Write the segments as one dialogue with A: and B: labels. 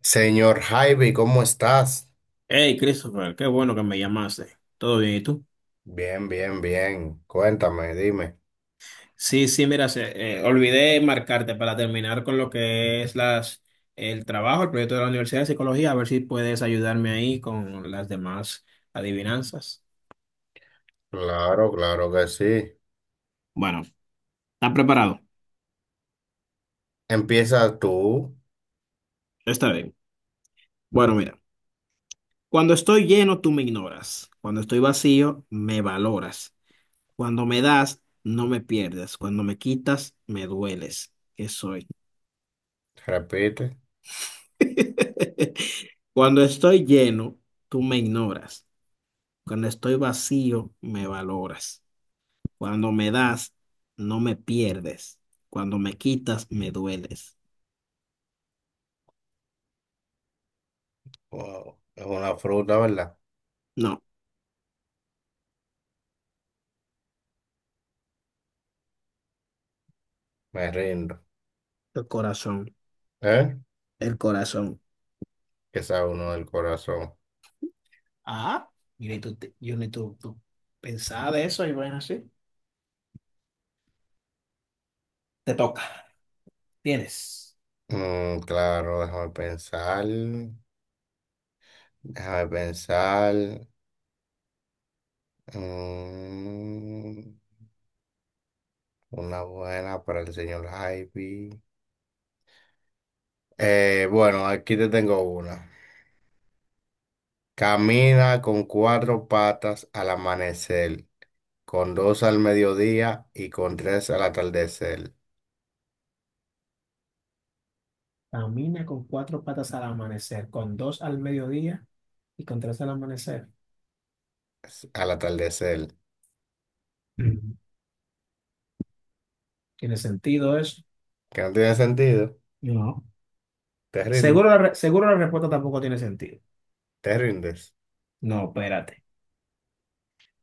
A: Señor Javi, ¿cómo estás?
B: Hey, Christopher, qué bueno que me llamaste. ¿Todo bien? ¿Y tú?
A: Bien, bien, bien. Cuéntame, dime.
B: Sí, sí, mira, olvidé marcarte para terminar con lo que es las, el trabajo, el proyecto de la Universidad de Psicología, a ver si puedes ayudarme ahí con las demás adivinanzas.
A: Claro, claro que sí.
B: Bueno, ¿estás preparado?
A: Empieza tú,
B: Está bien. Bueno, mira, cuando estoy lleno, tú me ignoras. Cuando estoy vacío, me valoras. Cuando me das, no me pierdes. Cuando me quitas, me dueles. ¿Qué soy?
A: repite.
B: Cuando estoy lleno, tú me ignoras. Cuando estoy vacío, me valoras. Cuando me das, no me pierdes. Cuando me quitas, me dueles.
A: Wow, es una fruta, ¿verdad?
B: No,
A: Me rindo.
B: el corazón,
A: ¿Eh?
B: el corazón.
A: Que sabe uno del corazón.
B: Ah, yo ni tú, tú pensaba de eso y bueno, así. Te toca. Tienes.
A: Claro, déjame pensar. Déjame pensar. Mm, una buena para el señor Javi. Bueno, aquí te tengo una. Camina con cuatro patas al amanecer, con dos al mediodía y con tres al atardecer.
B: Camina con cuatro patas al amanecer, con dos al mediodía y con tres al amanecer.
A: Al atardecer.
B: Mm. ¿Tiene sentido eso?
A: Que no tiene sentido.
B: No.
A: Te rindes.
B: Seguro la respuesta tampoco tiene sentido.
A: Te rindes.
B: No, espérate.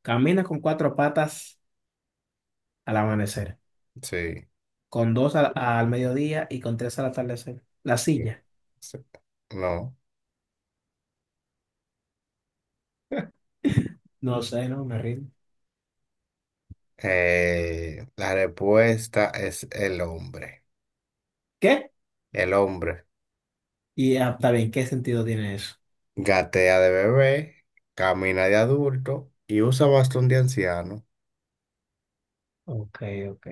B: Camina con cuatro patas al amanecer,
A: Sí.
B: con dos al mediodía y con tres al atardecer. La
A: Sí,
B: silla.
A: sí. No.
B: No sé, no me rindo.
A: La respuesta es el hombre.
B: ¿Qué?
A: El hombre
B: Y ah, está bien, ¿qué sentido tiene eso?
A: gatea de bebé, camina de adulto y usa bastón de anciano.
B: Ok, ok.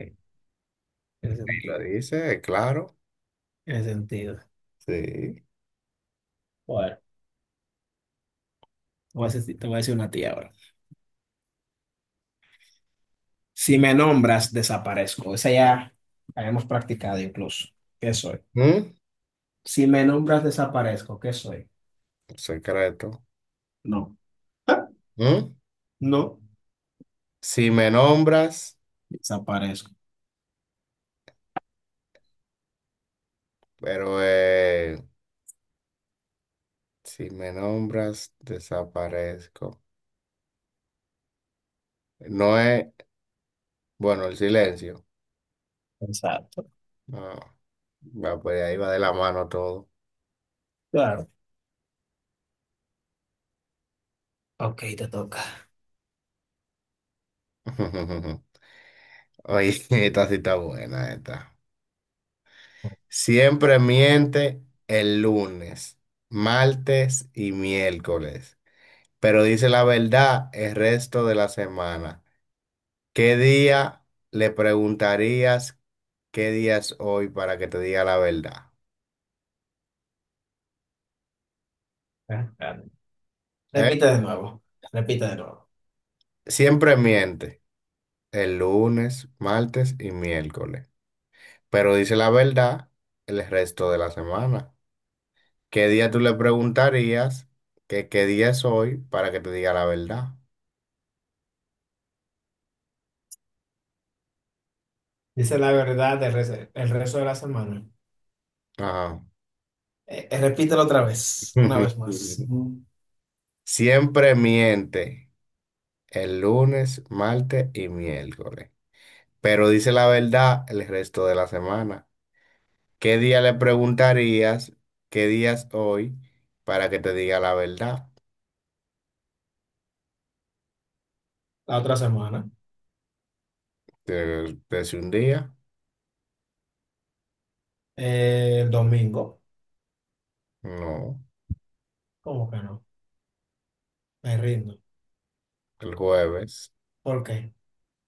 B: Tiene
A: Y lo
B: sentido.
A: dice, claro.
B: Tiene sentido.
A: Sí.
B: Bueno, te voy a decir, te voy a decir una tía ahora. Si me nombras, desaparezco. Esa ya la hemos practicado incluso. ¿Qué soy?
A: ¿Mm?
B: Si me nombras, desaparezco. ¿Qué soy?
A: Secreto.
B: No.
A: ¿Mm?
B: No,
A: Si me nombras,
B: desaparezco.
A: pero si me nombras, desaparezco. No es, bueno, el silencio.
B: Exacto.
A: No, va, pues ahí va de la mano todo.
B: Claro. Ok, te toca.
A: Oye, esta sí está buena, esta. Siempre miente el lunes, martes y miércoles, pero dice la verdad el resto de la semana. ¿Qué día le preguntarías qué día es hoy para que te diga la verdad?
B: Ah, claro.
A: ¿Eh?
B: Repite de nuevo. Repite de nuevo.
A: Siempre miente el lunes, martes y miércoles, pero dice la verdad el resto de la semana. ¿Qué día tú le preguntarías que qué día es hoy para que te diga la verdad?
B: Dice la verdad el rezo de la semana.
A: Ajá.
B: Repítelo otra vez, una vez más. Mm.
A: Siempre miente el lunes, martes y miércoles, pero dice la verdad el resto de la semana. ¿Qué día le preguntarías qué día es hoy para que te diga la verdad?
B: La otra semana.
A: Te dice un día.
B: El domingo.
A: No,
B: ¿Cómo que no? Me rindo.
A: el jueves,
B: ¿Por qué?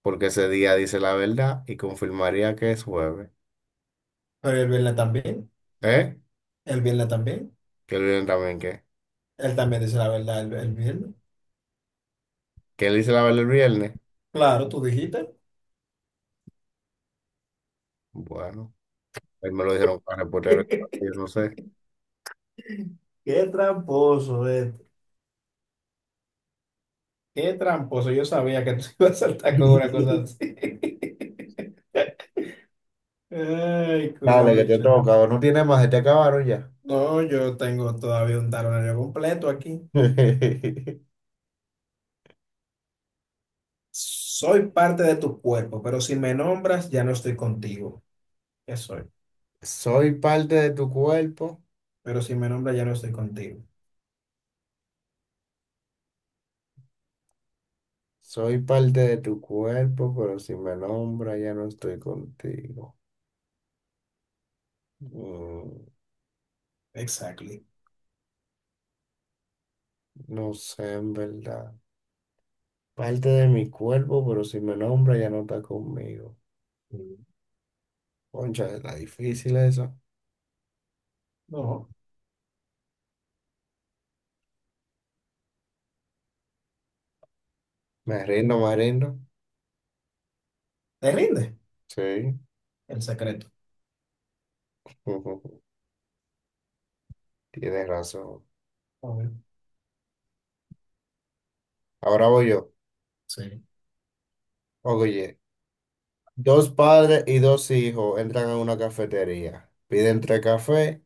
A: porque ese día dice la verdad y confirmaría que es jueves.
B: Pero el viernes también.
A: ¿Eh?
B: El viernes también.
A: Que el viernes también, ¿qué?
B: Él también dice la verdad el viernes.
A: ¿Que él dice la verdad el viernes?
B: Claro, tú dijiste.
A: Bueno, él me lo dijeron para reportar el partido, no sé.
B: Qué tramposo, este. Qué tramposo. Yo sabía que tú ibas a saltar con una cosa así. Ay,
A: Dale, que te
B: escucha.
A: toca, no tiene más, se te acabaron ya.
B: No, yo tengo todavía un talonario completo aquí. Soy parte de tu cuerpo, pero si me nombras, ya no estoy contigo. ¿Qué soy?
A: Soy parte de tu cuerpo,
B: Pero si me nombras, ya no estoy contigo.
A: soy parte de tu cuerpo, pero si me nombra ya no estoy contigo. Mm,
B: Exactly.
A: no sé, en verdad. Parte de mi cuerpo, pero si me nombra ya no está conmigo. Concha, está difícil eso.
B: No,
A: Me rindo, me rindo.
B: te rinde
A: Sí,
B: el secreto.
A: tienes razón.
B: A ver.
A: Ahora voy yo.
B: Sí.
A: Oye, dos padres y dos hijos entran a una cafetería, piden tres cafés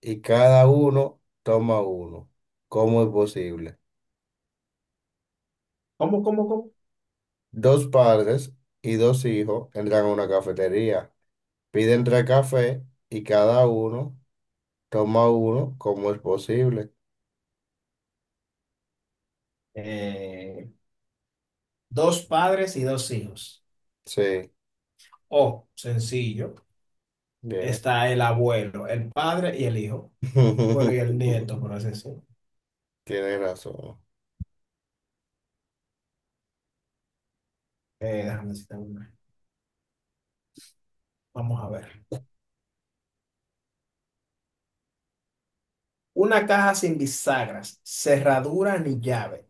A: y cada uno toma uno. ¿Cómo es posible?
B: ¿Cómo, cómo, cómo?
A: Dos padres y dos hijos entran a una cafetería, piden tres cafés y cada uno toma uno. ¿Cómo es posible?
B: Eh, dos padres y dos hijos.
A: Sí.
B: O, sencillo,
A: Bien,
B: está el abuelo, el padre y el hijo. Bueno, y el nieto, por así decirlo.
A: tienes razón.
B: Déjame decirte una. Vamos a ver. Una caja sin bisagras, cerradura ni llave,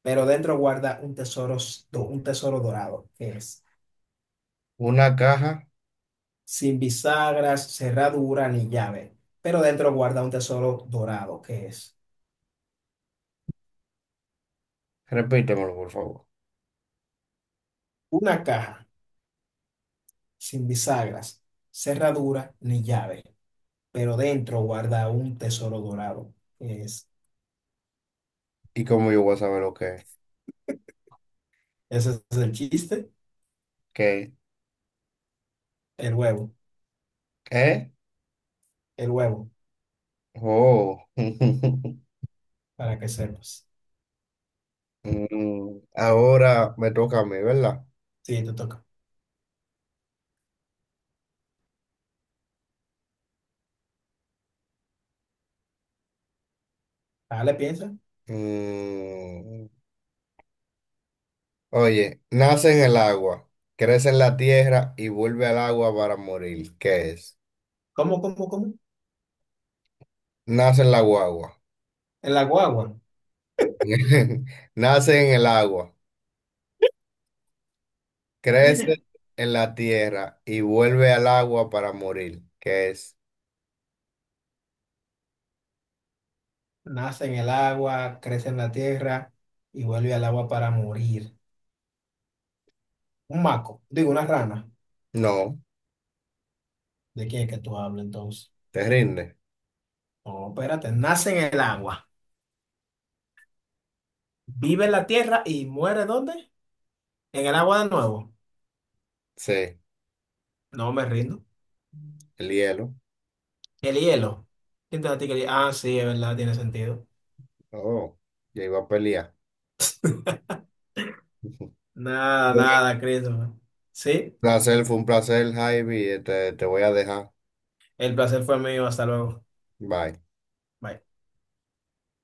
B: pero dentro guarda un tesoro, un tesoro dorado, que es
A: Una caja,
B: sin bisagras, cerradura ni llave, pero dentro guarda un tesoro dorado, que es
A: repítemelo por favor.
B: una caja sin bisagras, cerradura ni llave, pero dentro guarda un tesoro dorado. Es,
A: ¿Y cómo yo voy a saber lo que es?
B: ese es el chiste,
A: ¿Qué?
B: el huevo,
A: ¿Eh?
B: el huevo,
A: Oh.
B: para que sepas.
A: Ahora me toca a mí, ¿verdad?
B: Sí, te toca. Dale, piensa.
A: Mm, Oye, nace en el agua, crece en la tierra y vuelve al agua para morir. ¿Qué es?
B: ¿Cómo, cómo, cómo?
A: Nace en la guagua.
B: En la guagua.
A: Nace en el agua. Crece en la tierra y vuelve al agua para morir. ¿Qué es?
B: Nace en el agua, crece en la tierra y vuelve al agua para morir. Un maco, digo, una rana.
A: No,
B: ¿De quién es que tú hablas entonces?
A: te rinde.
B: No, espérate, nace en el agua, vive en la tierra y muere ¿dónde? En el agua de nuevo.
A: Sí,
B: No me rindo.
A: el hielo.
B: El hielo. ¿Quién te platica el hielo? Ah, sí, es verdad, tiene sentido.
A: Oh, ya iba a pelear.
B: Nada,
A: Bueno,
B: nada, Christopher. Sí,
A: un placer, fue un placer, Javi. Te voy a dejar.
B: el placer fue mío. Hasta luego.
A: Bye.
B: Bye.